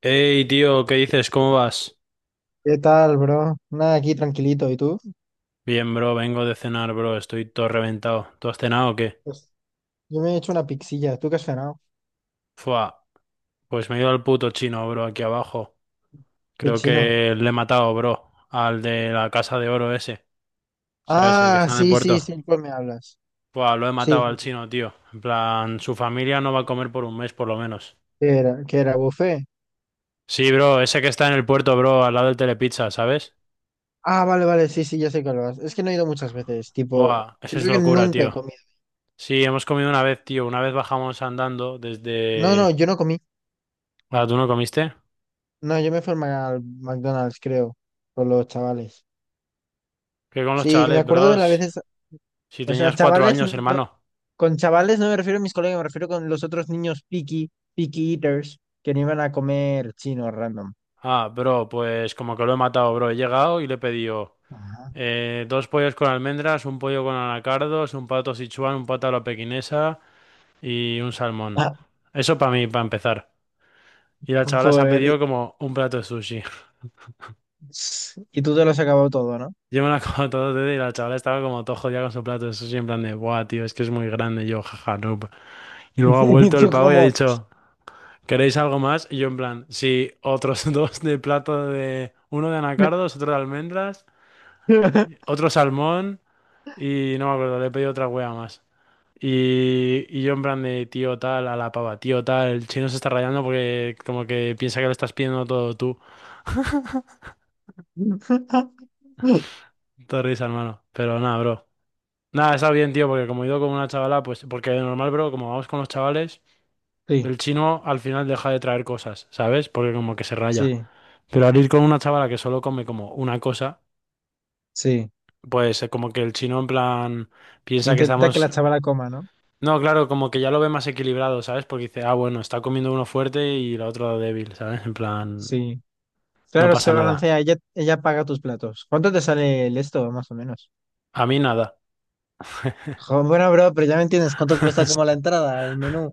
Hey, tío, ¿qué dices? ¿Cómo vas? ¿Qué tal, bro? Nada, aquí tranquilito. ¿Y tú? Bien, bro, vengo de cenar, bro, estoy todo reventado. ¿Tú has cenado o qué? Pues, Yo me he hecho una pixilla. ¿Tú qué has cenado? Fua, pues me he ido al puto chino, bro, aquí abajo. ¿Qué Creo chino? que le he matado, bro, al de la casa de oro ese, ¿sabes? El que Ah, está en el sí, sí, puerto. sí, ¿cuál me hablas? Fua, lo he Sí, matado al sí, sí. chino, tío. En plan, su familia no va a comer por un mes, por lo menos. ¿Qué era? ¿Qué era? ¿Buffet? Sí, bro, ese que está en el puerto, bro, al lado del Telepizza, ¿sabes? Ah, vale, vale, sí, sí, ya sé cuál vas. Es que no he ido muchas veces, tipo, Buah, esa es creo que locura, nunca he tío. comido. Sí, hemos comido una vez, tío. Una vez bajamos andando No, no, desde... yo no comí. Ah, ¿tú no comiste? No, yo me fui al al McDonald's, creo, con los chavales. Que con los Sí, me chavales, acuerdo de las bros. veces, Si o sea, tenías cuatro chavales, años, no, hermano. con chavales no me refiero a mis colegas, me refiero con los otros niños picky, picky eaters, que no iban a comer chino random. Ah, bro, pues como que lo he matado, bro. He llegado y le he pedido Ajá. Dos pollos con almendras, un pollo con anacardos, un pato sichuan, un pato a la pequinesa y un salmón. Ah, Eso para mí, para empezar. Y la chavala se ha joder, pedido como un plato de sushi. y tú te lo has acabado todo, ¿no? Yo me la como todo desde y la chavala estaba como todo jodida con su plato de sushi en plan de, buah, tío, es que es muy grande. Y yo, jaja, no. Y luego ha Y vuelto el tú pavo y ha como... dicho. ¿Queréis algo más? Y yo en plan, sí, otros dos de plato de... Uno de anacardos, otro de almendras, otro salmón y no me acuerdo, le he pedido otra wea más. Y yo en plan de tío tal a la pava, tío tal, el chino se está rayando porque como que piensa que lo estás pidiendo todo tú. Te risa, hermano. Pero nada, bro. Nada, está bien, tío, porque como he ido con una chavala, pues porque de normal, bro, como vamos con los chavales, Sí, el chino al final deja de traer cosas, ¿sabes? Porque como que se raya. sí, Pero al ir con una chavala que solo come como una cosa. sí. Pues como que el chino en plan piensa que Intenta que estamos... la chavala coma, ¿no? No, claro, como que ya lo ve más equilibrado, ¿sabes? Porque dice, ah, bueno, está comiendo uno fuerte y la otra débil, ¿sabes? En plan, Sí. no Claro, se pasa nada. balancea, ella paga tus platos. ¿Cuánto te sale el esto, más o menos? A mí nada. Jo, bueno, bro, pero ya me entiendes, ¿cuánto cuesta como la entrada, el menú?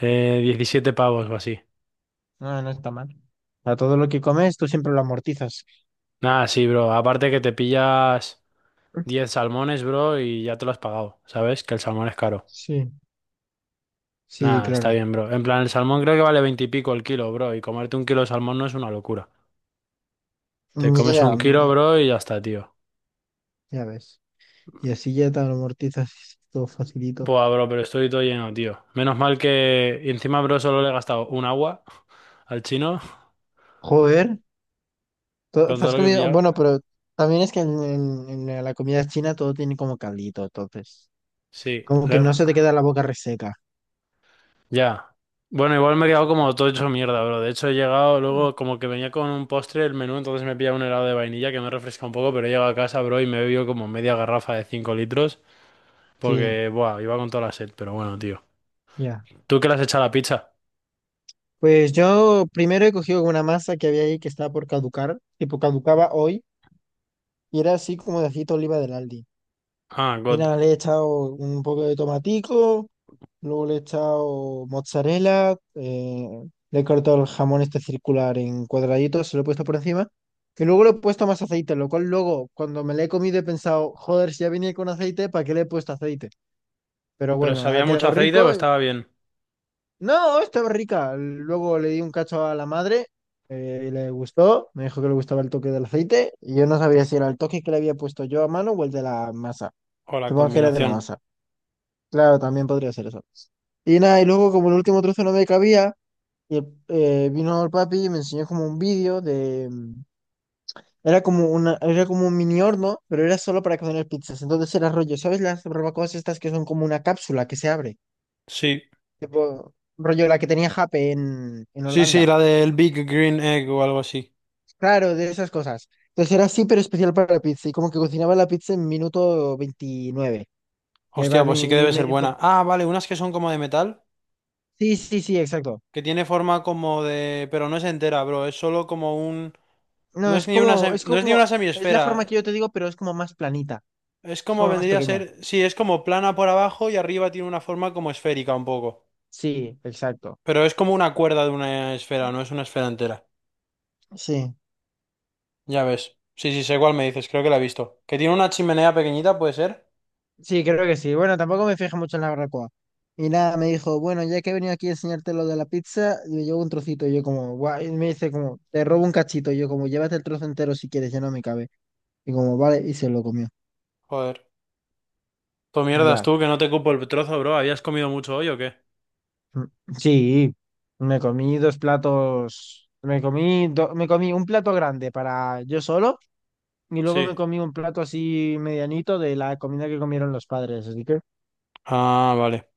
17 pavos o así. No, no está mal. A todo lo que comes, tú siempre lo amortizas. Nada, sí, bro. Aparte que te pillas 10 salmones, bro, y ya te lo has pagado, ¿sabes? Que el salmón es caro. Sí, sí, Nada, está claro. bien, bro. En plan, el salmón creo que vale 20 y pico el kilo, bro. Y comerte un kilo de salmón no es una locura. Te comes Ya, un kilo, mm, bro, y ya está, tío. ya ves. Y así ya te amortizas todo facilito. Buah, bro, pero estoy todo lleno, tío. Menos mal que y encima, bro, solo le he gastado un agua al chino Joder, con te todo has lo que he comido, pillado. bueno, pero también es que en la comida china todo tiene como caldito, entonces, Sí, como que le- no se te queda la boca reseca. ya. Bueno, igual me he quedado como todo hecho mierda, bro. De hecho, he llegado Mm. luego como que venía con un postre el menú, entonces me he pillado un helado de vainilla que me refresca un poco, pero he llegado a casa, bro, y me he bebido como media garrafa de 5 litros Sí, porque, buah, iba con toda la sed, pero bueno, tío. ya. ¿Tú qué le has echado a la pizza? Pues yo primero he cogido una masa que había ahí que estaba por caducar, tipo caducaba hoy, y era así como de aceite de oliva del Aldi. Ah, Y God. nada, le he echado un poco de tomatico, luego le he echado mozzarella, le he cortado el jamón este circular en cuadraditos, se lo he puesto por encima, y luego le he puesto más aceite, lo cual luego cuando me lo he comido he pensado, joder, si ya venía con aceite, ¿para qué le he puesto aceite? Pero ¿Pero bueno, ha sabía mucho quedado aceite o rico. Estaba bien? No, estaba rica. Luego le di un cacho a la madre, y le gustó, me dijo que le gustaba el toque del aceite, y yo no sabía si era el toque que le había puesto yo a mano o el de la masa. O la Supongo que era de la combinación. masa. Claro, también podría ser eso. Y nada, y luego como el último trozo no me cabía, y vino el papi y me enseñó como un vídeo de... Era como era como un mini horno, pero era solo para cocinar pizzas. Entonces era rollo, ¿sabes las barbacoas estas que son como una cápsula que se abre? Sí. Tipo, rollo la que tenía Jape en Sí, sí, Holanda. la del Big Green Egg o algo así. Claro, de esas cosas. Entonces era así, pero especial para la pizza. Y como que cocinaba la pizza en minuto 29. Y, Hostia, pues sí que y debe me ser dijo, buena. Ah, vale, unas que son como de metal, sí, sí, sí, exacto. que tiene forma como de... Pero no es entera, bro, es solo como un... No No, es ni una sem- es no es ni como, una es la semiesfera. forma que yo te digo, pero es como más planita, Es es como como más vendría a pequeña. ser. Sí, es como plana por abajo y arriba tiene una forma como esférica un poco. Sí, exacto. Pero es como una cuerda de una esfera, no es una esfera entera. Sí, Ya ves. Sí, sí, sé cuál me dices, creo que la he visto. Que tiene una chimenea pequeñita, ¿puede ser? sí, creo que sí. Bueno, tampoco me fijé mucho en la barbacoa. Y nada, me dijo, bueno, ya que he venido aquí a enseñarte lo de la pizza, yo llevo un trocito, y yo como, guay y me dice como, te robo un cachito, y yo como, llévate el trozo entero si quieres, ya no me cabe. Y como, vale, y se lo comió. Joder. Tú mierdas Ya. tú, que no te cupo el trozo, bro. ¿Habías comido mucho hoy o qué? Mm, Sí, me comí dos platos, me comí un plato grande para yo solo. Y luego Sí. me comí un plato así medianito de la comida que comieron los padres, así que... Ah, vale.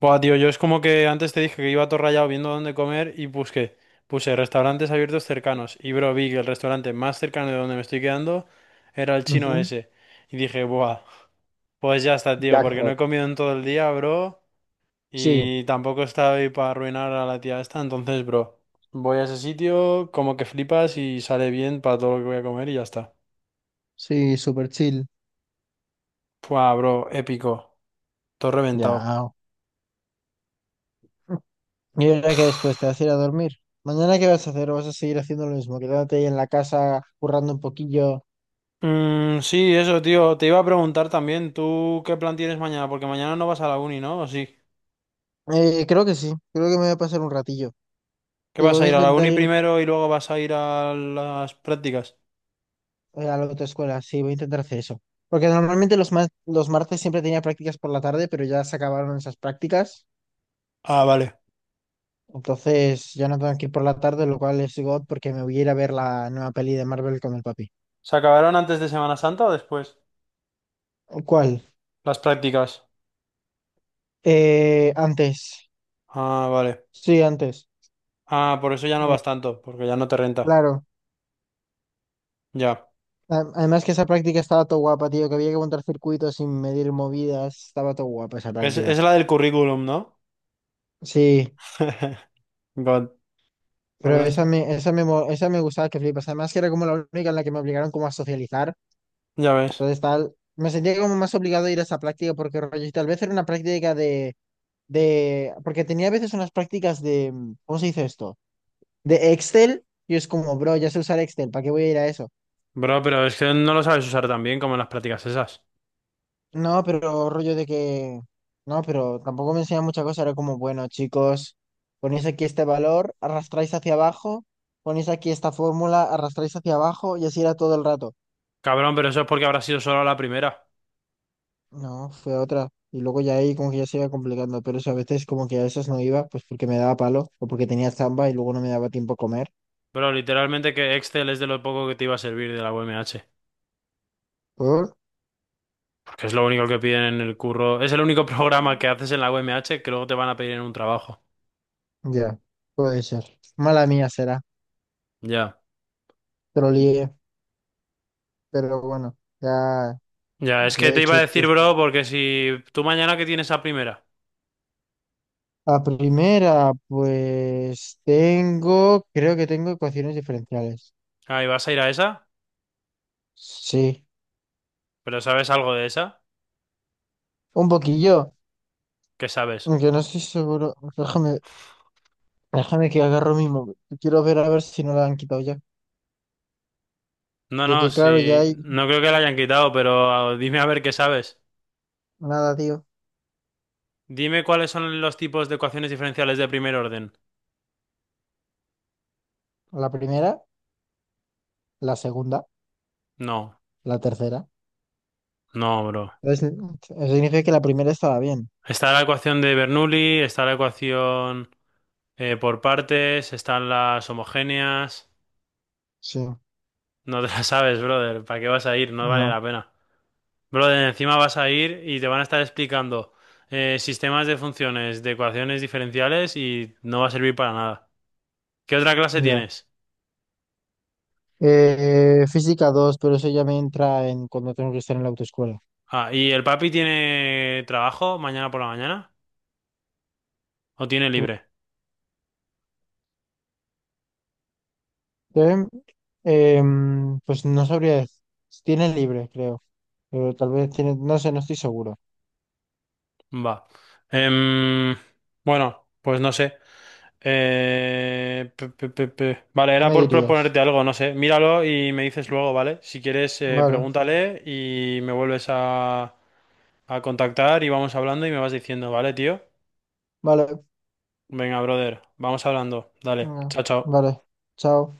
Buah, tío, yo es como que antes te dije que iba todo rayado viendo dónde comer y busqué. Puse restaurantes abiertos cercanos y bro, vi que el restaurante más cercano de donde me estoy quedando era el chino ujú, ese. Y dije, buah, pues ya está, tío, porque no Jackpot. he comido en todo el día, bro, Sí, y tampoco estaba ahí para arruinar a la tía esta, entonces, bro, voy a ese sitio, como que flipas y sale bien para todo lo que voy a comer y ya está. Sí, súper chill. Buah, bro, épico, todo reventado. Ya. Y ahora que después te vas a ir a dormir. ¿Mañana qué vas a hacer? ¿O vas a seguir haciendo lo mismo? Quedándote ahí en la casa, currando un poquillo. Mm, sí, eso, tío. Te iba a preguntar también, ¿tú qué plan tienes mañana? Porque mañana no vas a la uni, ¿no? ¿O sí? Creo que sí. Creo que me voy a pasar un ratillo. ¿Qué Y vas voy a a ir a la intentar uni ir primero y luego vas a ir a las prácticas? A la autoescuela. Sí, voy a intentar hacer eso. Porque normalmente los martes siempre tenía prácticas por la tarde, pero ya se acabaron esas prácticas. Ah, vale. Entonces ya no tengo que ir por la tarde, lo cual es God porque me voy a ir a ver la nueva peli de Marvel con el papi. ¿Se acabaron antes de Semana Santa o después? ¿Cuál? Las prácticas. Antes. Ah, vale. Sí, antes. Ah, por eso ya no Eh, vas tanto, porque ya no te renta. claro. Ya. Además que esa práctica estaba todo guapa, tío, que había que montar circuitos sin medir movidas. Estaba todo guapa esa práctica. Es la del currículum, ¿no? Sí, God. pero Honest. Esa me gustaba que flipas. Además que era como la única en la que me obligaron como a socializar. Ya ves. Entonces tal, me sentía como más obligado a ir a esa práctica porque rollo, y tal vez era una práctica de porque tenía a veces unas prácticas de, ¿cómo se dice esto? De Excel, y es como, bro, ya sé usar Excel, ¿para qué voy a ir a eso? Bro, pero es que no lo sabes usar tan bien como en las prácticas esas. No, pero no, pero tampoco me enseñan mucha cosa, era como, bueno, chicos, ponéis aquí este valor, arrastráis hacia abajo, ponéis aquí esta fórmula, arrastráis hacia abajo, y así era todo el rato. Cabrón, pero eso es porque habrá sido solo la primera. No, fue otra. Y luego ya ahí como que ya se iba complicando, pero eso a veces como que a veces no iba, pues porque me daba palo, o porque tenía zamba y luego no me daba tiempo a comer. Pero literalmente que Excel es de lo poco que te iba a servir de la UMH, ¿Por? porque es lo único que piden en el curro, es el único programa que haces en la UMH que luego te van a pedir en un trabajo. Ya, puede ser. Mala mía será, Ya. te lo lié, pero bueno, Ya, es ya que he te iba hecho a esto. decir, bro, porque si tú mañana que tienes a primera, La primera, pues tengo, creo que tengo ecuaciones diferenciales. ahí vas a ir a esa, Sí, pero ¿sabes algo de esa? un poquillo, ¿Qué sabes? aunque no estoy seguro. Déjame que agarro mi móvil. Quiero ver a ver si no la han quitado ya. No, no, Porque claro, ya si hay no creo que la hayan quitado, pero ah, dime a ver qué sabes. nada, tío. Dime cuáles son los tipos de ecuaciones diferenciales de primer orden. La primera, la segunda, No, la tercera. no, bro. Entonces, eso significa que la primera estaba bien. Está la ecuación de Bernoulli, está la ecuación. Por partes están las homogéneas. Sí, No te las sabes, brother. ¿Para qué vas a ir? No vale no, la pena. Brother, encima vas a ir y te van a estar explicando sistemas de funciones, de ecuaciones diferenciales y no va a servir para nada. ¿Qué otra clase ya. tienes? Física 2, pero eso ya me entra en cuando tengo que estar en la autoescuela. Ah, ¿y el papi tiene trabajo mañana por la mañana? ¿O tiene libre? Eh, pues no sabría, tiene libre, creo, pero tal vez tiene, no sé, no estoy seguro. Va. Em, bueno, pues no sé. Pe- pe- pe- pe. Vale, ¿Qué era me por dirías? proponerte algo, no sé. Míralo y me dices luego, ¿vale? Si quieres, Vale, pregúntale y me vuelves a contactar y vamos hablando y me vas diciendo, ¿vale, tío? vale, Venga, brother, vamos hablando. Dale, venga, chao, chao. vale, chao.